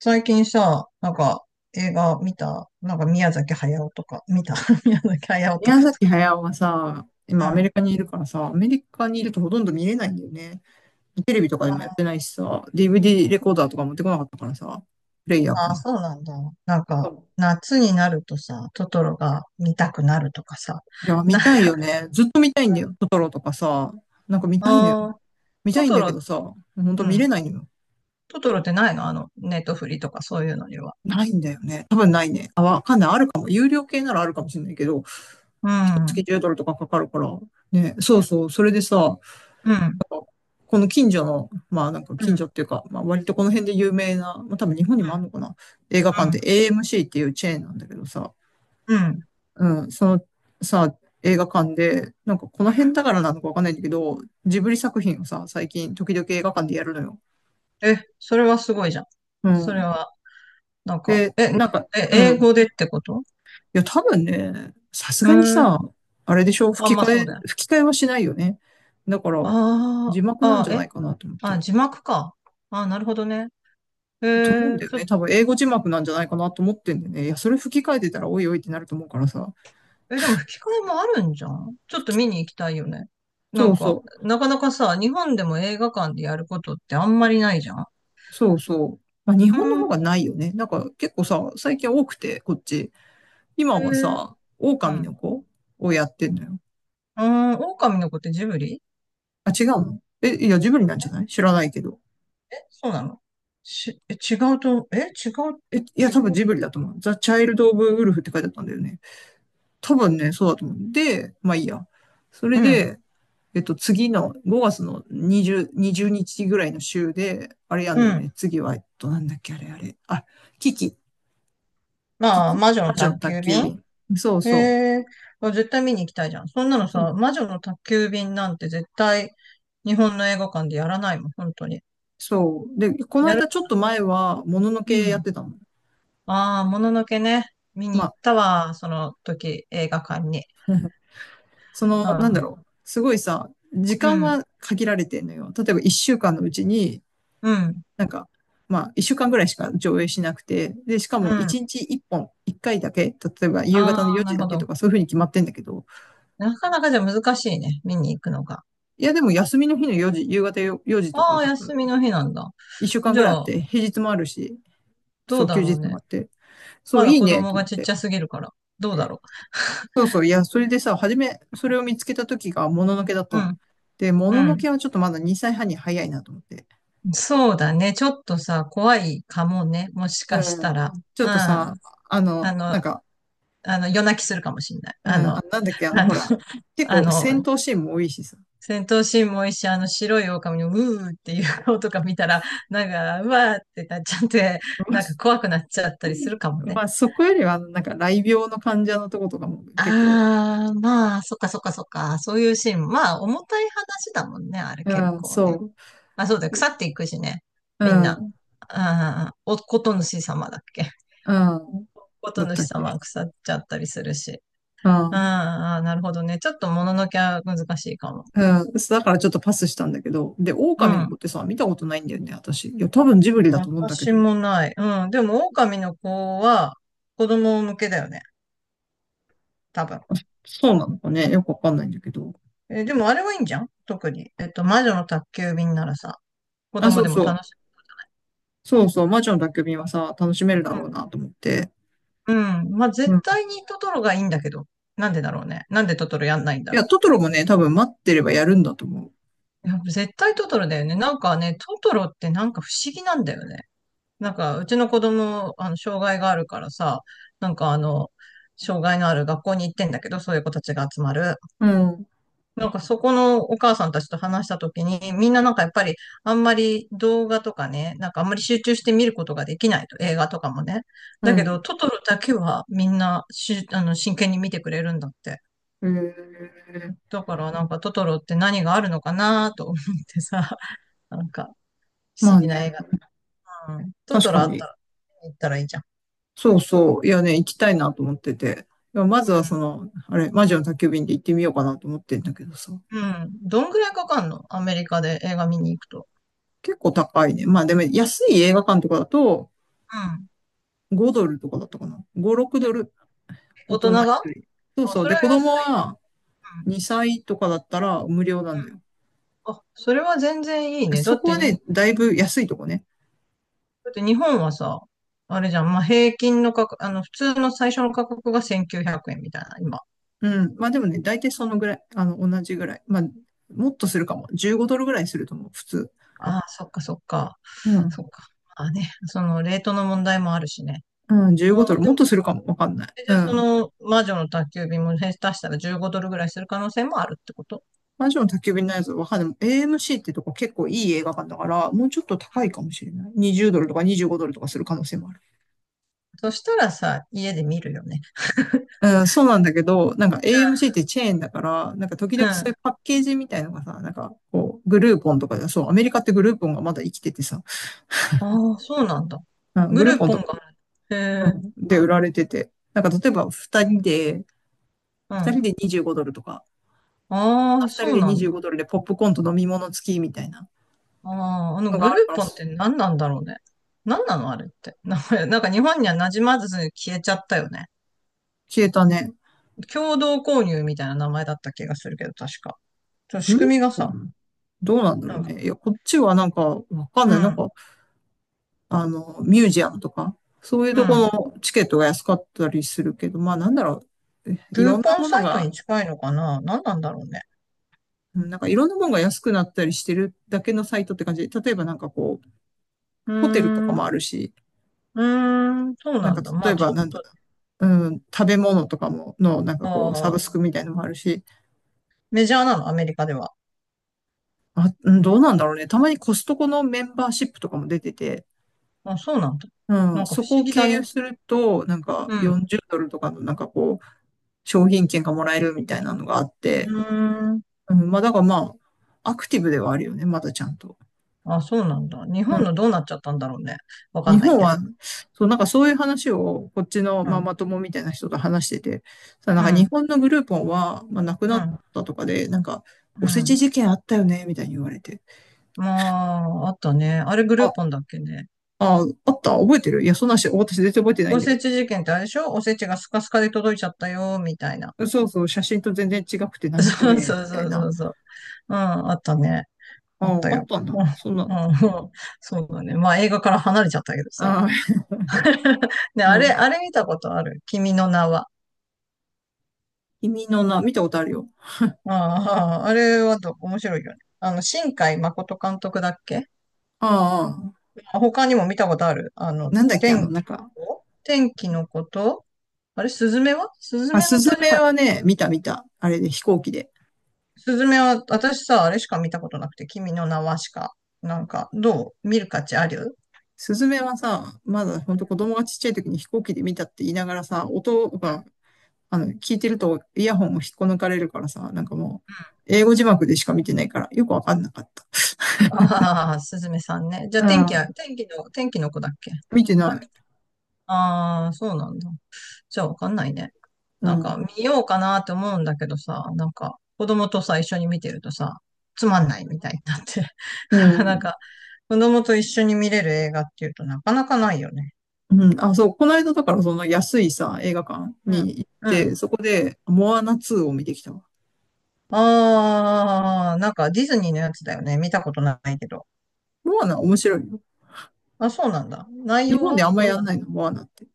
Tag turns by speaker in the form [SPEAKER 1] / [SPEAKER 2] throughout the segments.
[SPEAKER 1] 最近さ、なんか映画見た。なんか宮崎駿とか、見た。 宮崎駿と
[SPEAKER 2] 宮
[SPEAKER 1] かと
[SPEAKER 2] 崎
[SPEAKER 1] か。
[SPEAKER 2] 駿はさ、
[SPEAKER 1] う
[SPEAKER 2] 今アメ
[SPEAKER 1] ん。
[SPEAKER 2] リカにいるからさ、アメリカにいるとほとんど見れないんだよね。テレビとかでもやってないしさ、DVD レコーダーとか持ってこなかったからさ、プレイヤー
[SPEAKER 1] ああ、
[SPEAKER 2] か。
[SPEAKER 1] そうなんだ。なん
[SPEAKER 2] そ
[SPEAKER 1] か、
[SPEAKER 2] う
[SPEAKER 1] 夏になるとさ、トトロが見たくなるとかさ。
[SPEAKER 2] いや、見
[SPEAKER 1] なんか、
[SPEAKER 2] たいよね。ずっと見たいんだよ。トトロとかさ、なんか見たいのよ。
[SPEAKER 1] ああ、
[SPEAKER 2] 見た
[SPEAKER 1] ト
[SPEAKER 2] いん
[SPEAKER 1] ト
[SPEAKER 2] だけど
[SPEAKER 1] ロ、
[SPEAKER 2] さ、ほん
[SPEAKER 1] う
[SPEAKER 2] と見れ
[SPEAKER 1] ん。
[SPEAKER 2] ないのよ。
[SPEAKER 1] トトロってないの、あの、ネットフリとかそういうのには。
[SPEAKER 2] ないんだよね。多分ないね。あ、わかんない。あるかも。有料系ならあるかもしれないけど、
[SPEAKER 1] う
[SPEAKER 2] 一
[SPEAKER 1] ん。う
[SPEAKER 2] 月
[SPEAKER 1] ん。
[SPEAKER 2] 10ドルとかかかるから。ね、そうそう。それでさ、
[SPEAKER 1] うん。
[SPEAKER 2] この近所の、まあなんか
[SPEAKER 1] う
[SPEAKER 2] 近所
[SPEAKER 1] ん。
[SPEAKER 2] っていうか、まあ割とこの辺で有名な、まあ多分日本にもあるのかな、映画館って AMC っていうチェーンなんだけどさ、
[SPEAKER 1] うん。うん。
[SPEAKER 2] うん、そのさ、映画館で、なんかこの辺だからなのかわかんないんだけど、ジブリ作品をさ、最近時々映画館でやるのよ。
[SPEAKER 1] え、それはすごいじゃん。
[SPEAKER 2] う
[SPEAKER 1] それ
[SPEAKER 2] ん。
[SPEAKER 1] は、なんか、
[SPEAKER 2] で、
[SPEAKER 1] え、な
[SPEAKER 2] なんか、
[SPEAKER 1] え、
[SPEAKER 2] う
[SPEAKER 1] 英
[SPEAKER 2] ん。い
[SPEAKER 1] 語でってこと？
[SPEAKER 2] や多分ね、さす
[SPEAKER 1] う
[SPEAKER 2] がに
[SPEAKER 1] ん。
[SPEAKER 2] さ、あれでしょ、
[SPEAKER 1] あ、
[SPEAKER 2] 吹き
[SPEAKER 1] まあ
[SPEAKER 2] 替
[SPEAKER 1] そう
[SPEAKER 2] え、
[SPEAKER 1] だよ。
[SPEAKER 2] 吹き替えはしないよね。だから、
[SPEAKER 1] あ
[SPEAKER 2] 字幕
[SPEAKER 1] あ、
[SPEAKER 2] なん
[SPEAKER 1] あ
[SPEAKER 2] じ
[SPEAKER 1] あ、
[SPEAKER 2] ゃない
[SPEAKER 1] え、
[SPEAKER 2] かなと思っ
[SPEAKER 1] あ、
[SPEAKER 2] て。
[SPEAKER 1] 字幕か。ああ、なるほどね。え
[SPEAKER 2] と思うんだ
[SPEAKER 1] ー、
[SPEAKER 2] よ
[SPEAKER 1] ちょ、
[SPEAKER 2] ね。多分英語字幕なんじゃないかなと思ってんだよね。いや、それ吹き替えてたらおいおいってなると思うからさ。
[SPEAKER 1] え、でも吹き替えもあるんじゃん。ちょっと見に行きたいよね。な
[SPEAKER 2] そ
[SPEAKER 1] ん
[SPEAKER 2] う
[SPEAKER 1] か、
[SPEAKER 2] そう。
[SPEAKER 1] なかなかさ、日本でも映画館でやることってあんまりないじゃん。
[SPEAKER 2] そうそう。まあ、日
[SPEAKER 1] う
[SPEAKER 2] 本の
[SPEAKER 1] ん、
[SPEAKER 2] 方
[SPEAKER 1] え
[SPEAKER 2] がないよね。なんか結構さ、最近多くて、こっち。今は
[SPEAKER 1] ー、
[SPEAKER 2] さ、
[SPEAKER 1] う
[SPEAKER 2] 狼の
[SPEAKER 1] ん。
[SPEAKER 2] 子をやってんのよ。
[SPEAKER 1] ああ、狼の子ってジブリ？
[SPEAKER 2] あ、違うの、え、いや、ジブリなんじゃない、知らないけど。
[SPEAKER 1] え、そうなの？し、え、違うと、え、違う、
[SPEAKER 2] え、いや、
[SPEAKER 1] 違
[SPEAKER 2] 多分
[SPEAKER 1] う。
[SPEAKER 2] ジブリだと思う。ザ・チャイルド・オブ・ウルフって書いてあったんだよね。多分ね、そうだと思う。で、まあいいや。そ
[SPEAKER 1] う
[SPEAKER 2] れ
[SPEAKER 1] ん、
[SPEAKER 2] で、次の5月の20日ぐらいの週で、あれやん
[SPEAKER 1] う
[SPEAKER 2] だよ
[SPEAKER 1] ん。
[SPEAKER 2] ね。次は、なんだっけ、あれあれ。あ、キキ、キ
[SPEAKER 1] まあ、
[SPEAKER 2] キ、
[SPEAKER 1] 魔女
[SPEAKER 2] 魔
[SPEAKER 1] の
[SPEAKER 2] 女の
[SPEAKER 1] 宅
[SPEAKER 2] 宅
[SPEAKER 1] 急
[SPEAKER 2] 急
[SPEAKER 1] 便。
[SPEAKER 2] 便。そうそう。
[SPEAKER 1] えー、あ、絶対見に行きたいじゃん。そんなの
[SPEAKER 2] そう
[SPEAKER 1] さ、
[SPEAKER 2] ん
[SPEAKER 1] 魔女の宅急便なんて絶対、日本の映画館でやらないもん、本当に。
[SPEAKER 2] そう。で、この
[SPEAKER 1] やる。
[SPEAKER 2] 間ちょっと前は、ものの
[SPEAKER 1] う
[SPEAKER 2] けやっ
[SPEAKER 1] ん。
[SPEAKER 2] てたの。
[SPEAKER 1] ああ、もののけね。見
[SPEAKER 2] ま
[SPEAKER 1] に行っ
[SPEAKER 2] あ、
[SPEAKER 1] たわ、その時、映画館に。
[SPEAKER 2] そ
[SPEAKER 1] う
[SPEAKER 2] の、なんだ
[SPEAKER 1] ん。
[SPEAKER 2] ろう。すごいさ、時
[SPEAKER 1] う
[SPEAKER 2] 間
[SPEAKER 1] ん。
[SPEAKER 2] は限られてんのよ。例えば1週間のうちに、
[SPEAKER 1] うん。
[SPEAKER 2] なんか、まあ、1週間ぐらいしか上映しなくて、で、しか
[SPEAKER 1] う
[SPEAKER 2] も
[SPEAKER 1] ん。
[SPEAKER 2] 1日1本、1回だけ、例えば夕方の
[SPEAKER 1] あ
[SPEAKER 2] 4
[SPEAKER 1] あ、な
[SPEAKER 2] 時
[SPEAKER 1] る
[SPEAKER 2] だ
[SPEAKER 1] ほ
[SPEAKER 2] けと
[SPEAKER 1] ど。
[SPEAKER 2] か、そういうふうに決まってんだけど、
[SPEAKER 1] なかなかじゃ難しいね、見に行くのが。
[SPEAKER 2] いや、でも休みの日の4時、夕方よ4時とか、
[SPEAKER 1] ああ、
[SPEAKER 2] 多分、
[SPEAKER 1] 休みの日なんだ。
[SPEAKER 2] 1週間
[SPEAKER 1] じ
[SPEAKER 2] ぐらい
[SPEAKER 1] ゃ
[SPEAKER 2] あっ
[SPEAKER 1] あ、
[SPEAKER 2] て、平日もあるし、
[SPEAKER 1] ど
[SPEAKER 2] そ
[SPEAKER 1] う
[SPEAKER 2] う、
[SPEAKER 1] だ
[SPEAKER 2] 休
[SPEAKER 1] ろう
[SPEAKER 2] 日も
[SPEAKER 1] ね。
[SPEAKER 2] あって、そ
[SPEAKER 1] ま
[SPEAKER 2] う、
[SPEAKER 1] だ
[SPEAKER 2] いい
[SPEAKER 1] 子
[SPEAKER 2] ね、
[SPEAKER 1] 供
[SPEAKER 2] と
[SPEAKER 1] が
[SPEAKER 2] 思っ
[SPEAKER 1] ちっち
[SPEAKER 2] て。
[SPEAKER 1] ゃすぎるから、どうだろ
[SPEAKER 2] そうそう、いや、それでさ、初め、それを見つけた時が、もののけだった
[SPEAKER 1] う。う
[SPEAKER 2] の。
[SPEAKER 1] ん。
[SPEAKER 2] で、ものの
[SPEAKER 1] う
[SPEAKER 2] けはちょっとまだ2歳半に早いなと思って。
[SPEAKER 1] ん。そうだね。ちょっとさ、怖いかもね。もし
[SPEAKER 2] う
[SPEAKER 1] かしたら。
[SPEAKER 2] ん、ちょ
[SPEAKER 1] う
[SPEAKER 2] っ
[SPEAKER 1] ん。
[SPEAKER 2] と
[SPEAKER 1] あ
[SPEAKER 2] さ、な
[SPEAKER 1] の、
[SPEAKER 2] んか、
[SPEAKER 1] あの、夜泣きするかもしれない。
[SPEAKER 2] うん、あ、なんだっけ、
[SPEAKER 1] あの、
[SPEAKER 2] ほら、結
[SPEAKER 1] あ
[SPEAKER 2] 構戦
[SPEAKER 1] の、
[SPEAKER 2] 闘シーンも多いしさ。
[SPEAKER 1] 戦闘シーンもいいし、あの白い狼のうーっていう顔とか見たら、なんか、うわーってなっちゃって、
[SPEAKER 2] まあ、
[SPEAKER 1] なんか怖くなっちゃったりするかもね。
[SPEAKER 2] まあそこよりは、なんか、雷病の患者のとことかも結構、
[SPEAKER 1] ああ、まあ、そっかそっかそっか。そういうシーン。まあ、重たい話だもんね、あれ結
[SPEAKER 2] うん、
[SPEAKER 1] 構ね。
[SPEAKER 2] そ
[SPEAKER 1] あ、そうだよ、
[SPEAKER 2] う。
[SPEAKER 1] 腐っていくしね。
[SPEAKER 2] う
[SPEAKER 1] みんな。
[SPEAKER 2] ん、
[SPEAKER 1] ああ、お、こと主様だっけ。
[SPEAKER 2] うん、
[SPEAKER 1] こと
[SPEAKER 2] だった
[SPEAKER 1] 主
[SPEAKER 2] っけ。
[SPEAKER 1] 様は腐っちゃったりするし。
[SPEAKER 2] う
[SPEAKER 1] あ
[SPEAKER 2] ん。
[SPEAKER 1] ーあー、なるほどね。ちょっともののけは難しいかも。
[SPEAKER 2] うん。そうだからちょっとパスしたんだけど。で、
[SPEAKER 1] う
[SPEAKER 2] 狼の
[SPEAKER 1] ん。
[SPEAKER 2] 子ってさ、見たことないんだよね、私。いや、多分ジブリだと思うんだけ
[SPEAKER 1] 私
[SPEAKER 2] ど。
[SPEAKER 1] もない。うん。でも、狼の子は子供向けだよね。多分。
[SPEAKER 2] あ、そうなのかね。よくわかんないんだけど。
[SPEAKER 1] え、でもあれはいいんじゃん、特に。えっと、魔女の宅急便ならさ、子
[SPEAKER 2] あ、
[SPEAKER 1] 供
[SPEAKER 2] そう
[SPEAKER 1] でも
[SPEAKER 2] そ
[SPEAKER 1] 楽し
[SPEAKER 2] う。
[SPEAKER 1] い。
[SPEAKER 2] そうそう。魔女の宅急便はさ、楽しめるだろうなと思って。
[SPEAKER 1] うん。うん。まあ、絶
[SPEAKER 2] うん。い
[SPEAKER 1] 対にトトロがいいんだけど。なんでだろうね。なんでトトロやんないんだ
[SPEAKER 2] や、
[SPEAKER 1] ろ
[SPEAKER 2] トトロもね、多分待ってればやるんだと思う。
[SPEAKER 1] う。やっぱ絶対トトロだよね。なんかね、トトロってなんか不思議なんだよね。なんか、うちの子供、あの、障害があるからさ、なんか、あの、障害のある学校に行ってんだけど、そういう子たちが集まる。
[SPEAKER 2] うん。
[SPEAKER 1] なんかそこのお母さんたちと話したときに、みんななんかやっぱりあんまり動画とかね、なんかあんまり集中して見ることができないと、映画とかもね。
[SPEAKER 2] う
[SPEAKER 1] だけ
[SPEAKER 2] ん。
[SPEAKER 1] ど、トトロだけはみんなあの、真剣に見てくれるんだって。
[SPEAKER 2] えー、
[SPEAKER 1] だからなんかトトロって何があるのかなと思ってさ、なんか不
[SPEAKER 2] まあ
[SPEAKER 1] 思議な
[SPEAKER 2] ね。
[SPEAKER 1] 映画。うん。ト
[SPEAKER 2] 確
[SPEAKER 1] トロ
[SPEAKER 2] か
[SPEAKER 1] あった
[SPEAKER 2] に。
[SPEAKER 1] ら、行ったらいいじゃん。
[SPEAKER 2] そうそう。いやね、行きたいなと思ってて。いやまずはその、あれ、魔女の宅急便で行ってみようかなと思ってんだけどさ。
[SPEAKER 1] うん。うん。どんぐらいかかんの、アメリカで映画見に行くと。
[SPEAKER 2] 結構高いね。まあでも安い映画館とかだと、
[SPEAKER 1] うん。
[SPEAKER 2] 5ドルとかだったかな。5、6ドル。大
[SPEAKER 1] 大人
[SPEAKER 2] 人
[SPEAKER 1] が。
[SPEAKER 2] 一、そう
[SPEAKER 1] あ、
[SPEAKER 2] そう。
[SPEAKER 1] そ
[SPEAKER 2] で、
[SPEAKER 1] れは
[SPEAKER 2] 子供
[SPEAKER 1] 安いね。
[SPEAKER 2] は2歳とかだったら無料な
[SPEAKER 1] う
[SPEAKER 2] んだよ。
[SPEAKER 1] ん。あ、それは全然いいね。
[SPEAKER 2] そこは
[SPEAKER 1] だ
[SPEAKER 2] ね、だいぶ安いとこね。
[SPEAKER 1] って日本はさ、あれじゃん、まあ、平均の価格、あの、普通の最初の価格が1900円みたいな、今。
[SPEAKER 2] うん。まあでもね、大体そのぐらい。同じぐらい。まあ、もっとするかも。15ドルぐらいすると思う、普通。
[SPEAKER 1] ああ、そっかそっか。
[SPEAKER 2] うん。
[SPEAKER 1] そっか。まあね、その、レートの問題もあるしね。
[SPEAKER 2] うん、
[SPEAKER 1] あ
[SPEAKER 2] 15ドル。
[SPEAKER 1] あ、で
[SPEAKER 2] もっ
[SPEAKER 1] も、
[SPEAKER 2] とするかも。わかんない。
[SPEAKER 1] え、じ
[SPEAKER 2] う
[SPEAKER 1] ゃあそ
[SPEAKER 2] ん。
[SPEAKER 1] の、魔女の宅急便も下手したら15ドルぐらいする可能性もあるってこと？
[SPEAKER 2] 魔女の宅急便のやつわかんない。AMC ってとこ結構いい映画館だから、もうちょっと
[SPEAKER 1] う
[SPEAKER 2] 高い
[SPEAKER 1] ん。
[SPEAKER 2] かもしれない。20ドルとか25ドルとかする可能性もある。
[SPEAKER 1] そしたらさ、家で見るよね。
[SPEAKER 2] うん、そうなんだけど、なんか AMC ってチェーンだから、なんか時
[SPEAKER 1] うん。
[SPEAKER 2] 々そ
[SPEAKER 1] あ
[SPEAKER 2] ういうパッケージみたいのがさ、なんかこう、グルーポンとかで、そう、アメリカってグルーポンがまだ生きててさ、
[SPEAKER 1] あ、そうなんだ。
[SPEAKER 2] うん、グ
[SPEAKER 1] グ
[SPEAKER 2] ルー
[SPEAKER 1] ルー
[SPEAKER 2] ポン
[SPEAKER 1] ポン
[SPEAKER 2] とか、
[SPEAKER 1] がある。
[SPEAKER 2] う
[SPEAKER 1] へえ。
[SPEAKER 2] ん、
[SPEAKER 1] う
[SPEAKER 2] で
[SPEAKER 1] ん。
[SPEAKER 2] 売られてて、なんか例えば二人で、
[SPEAKER 1] う
[SPEAKER 2] 二人
[SPEAKER 1] ん。
[SPEAKER 2] で25ドルとか、大人
[SPEAKER 1] ああ、
[SPEAKER 2] 二
[SPEAKER 1] そ
[SPEAKER 2] 人
[SPEAKER 1] う
[SPEAKER 2] で
[SPEAKER 1] なんだ。
[SPEAKER 2] 25ドルでポップコーンと飲み物付きみたいな
[SPEAKER 1] ああ、あの
[SPEAKER 2] のが
[SPEAKER 1] グ
[SPEAKER 2] あ
[SPEAKER 1] ル
[SPEAKER 2] るか
[SPEAKER 1] ー
[SPEAKER 2] ら、
[SPEAKER 1] ポンって何なんだろうね。何なのあれって。名前、なんか日本には馴染まず消えちゃったよね。
[SPEAKER 2] 消えたね。
[SPEAKER 1] 共同購入みたいな名前だった気がするけど、確か。ちょっと
[SPEAKER 2] グ
[SPEAKER 1] 仕
[SPEAKER 2] ルー
[SPEAKER 1] 組みが
[SPEAKER 2] ポ
[SPEAKER 1] さ、
[SPEAKER 2] ンどうなんだろ
[SPEAKER 1] な
[SPEAKER 2] う
[SPEAKER 1] んか、
[SPEAKER 2] ね。いや、こっちはなんか、わかん
[SPEAKER 1] う
[SPEAKER 2] ない。なん
[SPEAKER 1] ん、
[SPEAKER 2] か、ミュージアムとか、そういう
[SPEAKER 1] う
[SPEAKER 2] とこ
[SPEAKER 1] ん。
[SPEAKER 2] のチケットが安かったりするけど、まあなんだろう、えい
[SPEAKER 1] クー
[SPEAKER 2] ろんな
[SPEAKER 1] ポン
[SPEAKER 2] もの
[SPEAKER 1] サイト
[SPEAKER 2] が、
[SPEAKER 1] に近いのかな、何なんだろうね。
[SPEAKER 2] うんなんかいろんなものが安くなったりしてるだけのサイトって感じで、例えばなんかこう、
[SPEAKER 1] うー
[SPEAKER 2] ホテルとか
[SPEAKER 1] ん、
[SPEAKER 2] も
[SPEAKER 1] う
[SPEAKER 2] あるし、
[SPEAKER 1] ーん、そう
[SPEAKER 2] な
[SPEAKER 1] な
[SPEAKER 2] んか
[SPEAKER 1] んだ。ま
[SPEAKER 2] 例え
[SPEAKER 1] あち
[SPEAKER 2] ば
[SPEAKER 1] ょっ
[SPEAKER 2] なんだ、
[SPEAKER 1] と、
[SPEAKER 2] うん、食べ物とかも、の、なんか
[SPEAKER 1] あ
[SPEAKER 2] こう、サブ
[SPEAKER 1] あ、
[SPEAKER 2] スクみたいのもあるし、
[SPEAKER 1] メジャーなの、アメリカでは。
[SPEAKER 2] あ、うん、どうなんだろうね。たまにコストコのメンバーシップとかも出てて、
[SPEAKER 1] あ、そうなんだ。
[SPEAKER 2] う
[SPEAKER 1] な
[SPEAKER 2] ん、
[SPEAKER 1] んか不
[SPEAKER 2] そこ
[SPEAKER 1] 思
[SPEAKER 2] を
[SPEAKER 1] 議
[SPEAKER 2] 経
[SPEAKER 1] だ
[SPEAKER 2] 由
[SPEAKER 1] ね。
[SPEAKER 2] すると、なんか
[SPEAKER 1] うん。
[SPEAKER 2] 40ドルとかのなんかこう、商品券がもらえるみたいなのがあっ
[SPEAKER 1] う
[SPEAKER 2] て、
[SPEAKER 1] ーん。
[SPEAKER 2] うん、まあ、だからまあ、アクティブではあるよね、まだちゃんと。
[SPEAKER 1] あ、そうなんだ。日
[SPEAKER 2] うん。
[SPEAKER 1] 本のどうなっちゃったんだろうね。わか
[SPEAKER 2] 日
[SPEAKER 1] んない
[SPEAKER 2] 本
[SPEAKER 1] け
[SPEAKER 2] は、
[SPEAKER 1] ど。
[SPEAKER 2] そう、なんかそういう話を、こっちの
[SPEAKER 1] う
[SPEAKER 2] マ
[SPEAKER 1] ん。
[SPEAKER 2] マ友みたいな人と話してて、さ、なん
[SPEAKER 1] う
[SPEAKER 2] か日
[SPEAKER 1] ん、
[SPEAKER 2] 本のグループは、まあ、亡く
[SPEAKER 1] う
[SPEAKER 2] なっ
[SPEAKER 1] ん、
[SPEAKER 2] たとかで、なんか、
[SPEAKER 1] う
[SPEAKER 2] おせち
[SPEAKER 1] ん。
[SPEAKER 2] 事件あったよね、みたいに言われて。
[SPEAKER 1] まあ、あったね。あれグル
[SPEAKER 2] あ、
[SPEAKER 1] ーポンだっけね。
[SPEAKER 2] あった、覚えてる、いや、そんなし、私全然覚えてないん
[SPEAKER 1] お
[SPEAKER 2] だ
[SPEAKER 1] せ
[SPEAKER 2] け
[SPEAKER 1] ち事件ってあれでしょ、おせちがスカスカで届いちゃったよ、みたいな。
[SPEAKER 2] ど。そうそう、写真と全然違くて、何こ
[SPEAKER 1] そう
[SPEAKER 2] れ
[SPEAKER 1] そう
[SPEAKER 2] みたい
[SPEAKER 1] そう
[SPEAKER 2] な。
[SPEAKER 1] そうそう。うん、あったね。
[SPEAKER 2] あ
[SPEAKER 1] あっ
[SPEAKER 2] あ、
[SPEAKER 1] た
[SPEAKER 2] あっ
[SPEAKER 1] よ。
[SPEAKER 2] たんだ。
[SPEAKER 1] うん、
[SPEAKER 2] そんな。
[SPEAKER 1] うん、そうだね。まあ映画から離れちゃったけどさ。
[SPEAKER 2] ああ、
[SPEAKER 1] ね、
[SPEAKER 2] う
[SPEAKER 1] あれ、
[SPEAKER 2] ん。
[SPEAKER 1] あれ見たことある？君の名は。
[SPEAKER 2] 君の名、見たことあるよ。
[SPEAKER 1] うん、あれはど、面白いよね。あの、新海誠監督だっけ？
[SPEAKER 2] ああ、
[SPEAKER 1] あ、他にも見たことある、あの、
[SPEAKER 2] なんだっけ、
[SPEAKER 1] 天
[SPEAKER 2] なん
[SPEAKER 1] 気
[SPEAKER 2] か、
[SPEAKER 1] 天気のこと、あれ、スズ
[SPEAKER 2] まあ、
[SPEAKER 1] メ
[SPEAKER 2] ス
[SPEAKER 1] の戸
[SPEAKER 2] ズ
[SPEAKER 1] 締
[SPEAKER 2] メ
[SPEAKER 1] まり。
[SPEAKER 2] はね、見た見た。あれで飛行機で。
[SPEAKER 1] スズメは、私さ、あれしか見たことなくて、君の名はしか。なんか、どう見る価値ある？
[SPEAKER 2] スズメはさ、まだほんと子供がちっちゃい時に飛行機で見たって言いながらさ、音
[SPEAKER 1] うん。う
[SPEAKER 2] が、
[SPEAKER 1] ん。
[SPEAKER 2] 聞いてるとイヤホンを引っこ抜かれるからさ、なんかもう、英語字幕でしか見てないから、よくわかんなかっ
[SPEAKER 1] ああー、すずめさんね。じゃ
[SPEAKER 2] た。
[SPEAKER 1] あ、
[SPEAKER 2] う
[SPEAKER 1] 天気は、
[SPEAKER 2] ん。
[SPEAKER 1] 天気の、天気の子だっけ？
[SPEAKER 2] 見てない。
[SPEAKER 1] ああー、そうなんだ。じゃあ、わかんないね。
[SPEAKER 2] う
[SPEAKER 1] なんか、
[SPEAKER 2] ん。
[SPEAKER 1] 見ようかなって思うんだけどさ、なんか、子供とさ、一緒に見てるとさ、つまんないみたいになって、
[SPEAKER 2] う
[SPEAKER 1] なかな
[SPEAKER 2] ん。
[SPEAKER 1] か子供と一緒に見れる映画っていうとなかなかないよね。
[SPEAKER 2] うん。あ、そう、この間だからその安いさ、映画館
[SPEAKER 1] うん。
[SPEAKER 2] に行っ
[SPEAKER 1] うん。
[SPEAKER 2] て、そこで、モアナ2を見てきたわ。
[SPEAKER 1] ああ、なんかディズニーのやつだよね。見たことないけど。
[SPEAKER 2] モアナ面白いよ。
[SPEAKER 1] あ、そうなんだ。内
[SPEAKER 2] 日
[SPEAKER 1] 容
[SPEAKER 2] 本で
[SPEAKER 1] は
[SPEAKER 2] あんま
[SPEAKER 1] どん
[SPEAKER 2] やん
[SPEAKER 1] な？
[SPEAKER 2] ないの、モアナって。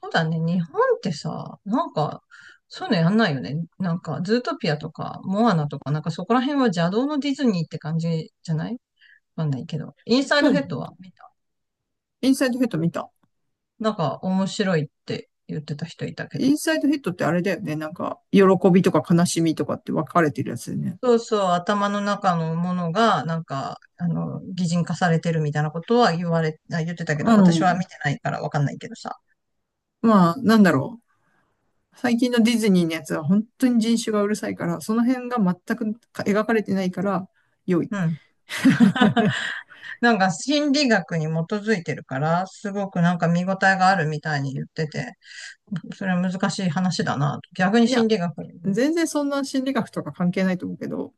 [SPEAKER 1] そうだね。日本ってさ、なんか、そういうのやんないよね。なんか、ズートピアとか、モアナとか、なんかそこら辺は邪道のディズニーって感じじゃない？わかんないけど。インサイ
[SPEAKER 2] う
[SPEAKER 1] ド
[SPEAKER 2] ん。
[SPEAKER 1] ヘッドは見た。
[SPEAKER 2] インサイドヘッド見た、
[SPEAKER 1] なんか面白いって言ってた人いたけ
[SPEAKER 2] イ
[SPEAKER 1] ど。
[SPEAKER 2] ンサイドヒットってあれだよね。なんか、喜びとか悲しみとかって分かれてるやつだよね。
[SPEAKER 1] そうそう、頭の中のものが、なんか、あの、擬人化されてるみたいなことは言われ、あ言ってたけど、
[SPEAKER 2] う
[SPEAKER 1] 私は
[SPEAKER 2] ん。
[SPEAKER 1] 見てないからわかんないけどさ。
[SPEAKER 2] まあ、なんだろう。最近のディズニーのやつは本当に人種がうるさいから、その辺が全く描かれてないから、良い。
[SPEAKER 1] うん。なんか心理学に基づいてるから、すごくなんか見応えがあるみたいに言ってて、それは難しい話だな、逆に
[SPEAKER 2] いや、
[SPEAKER 1] 心理学に。
[SPEAKER 2] 全然そんな心理学とか関係ないと思うけど、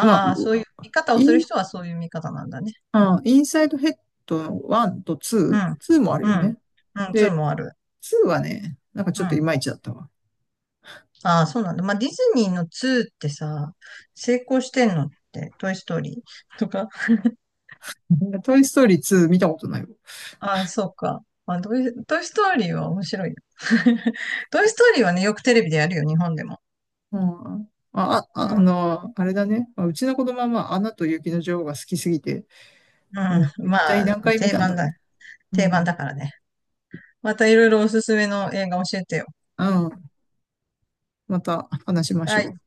[SPEAKER 2] まあ、
[SPEAKER 1] あ、そういう見方を
[SPEAKER 2] イ
[SPEAKER 1] する
[SPEAKER 2] ン、
[SPEAKER 1] 人はそういう見方なんだね。うん。
[SPEAKER 2] インサイドヘッドの1と
[SPEAKER 1] う
[SPEAKER 2] 2、
[SPEAKER 1] ん。
[SPEAKER 2] ツーもある
[SPEAKER 1] う
[SPEAKER 2] よね。
[SPEAKER 1] ん。うん。そ
[SPEAKER 2] で、
[SPEAKER 1] うもある。
[SPEAKER 2] 2はね、なんか
[SPEAKER 1] う
[SPEAKER 2] ちょっとい
[SPEAKER 1] ん。
[SPEAKER 2] まいちだったわ。
[SPEAKER 1] ああ、そうなんだ。まあ、ディズニーの2ってさ、成功してんのって、トイストーリーとか。
[SPEAKER 2] トイストーリー2見たことないわ。
[SPEAKER 1] ああ、そうか。まあ、トイストーリーは面白いよ。トイストーリーはね、よくテレビでやるよ、日本でも。
[SPEAKER 2] うん。まあ、
[SPEAKER 1] うん、うん。
[SPEAKER 2] あれだね。まあうちの子供は、まあ、アナと雪の女王が好きすぎて、もう一体
[SPEAKER 1] まあ、
[SPEAKER 2] 何回見
[SPEAKER 1] 定
[SPEAKER 2] たんだ
[SPEAKER 1] 番
[SPEAKER 2] みた
[SPEAKER 1] だ。
[SPEAKER 2] いな。う
[SPEAKER 1] 定番
[SPEAKER 2] ん。
[SPEAKER 1] だからね。またいろいろおすすめの映画教えてよ。
[SPEAKER 2] うん。また話しまし
[SPEAKER 1] は
[SPEAKER 2] ょ
[SPEAKER 1] い。
[SPEAKER 2] う。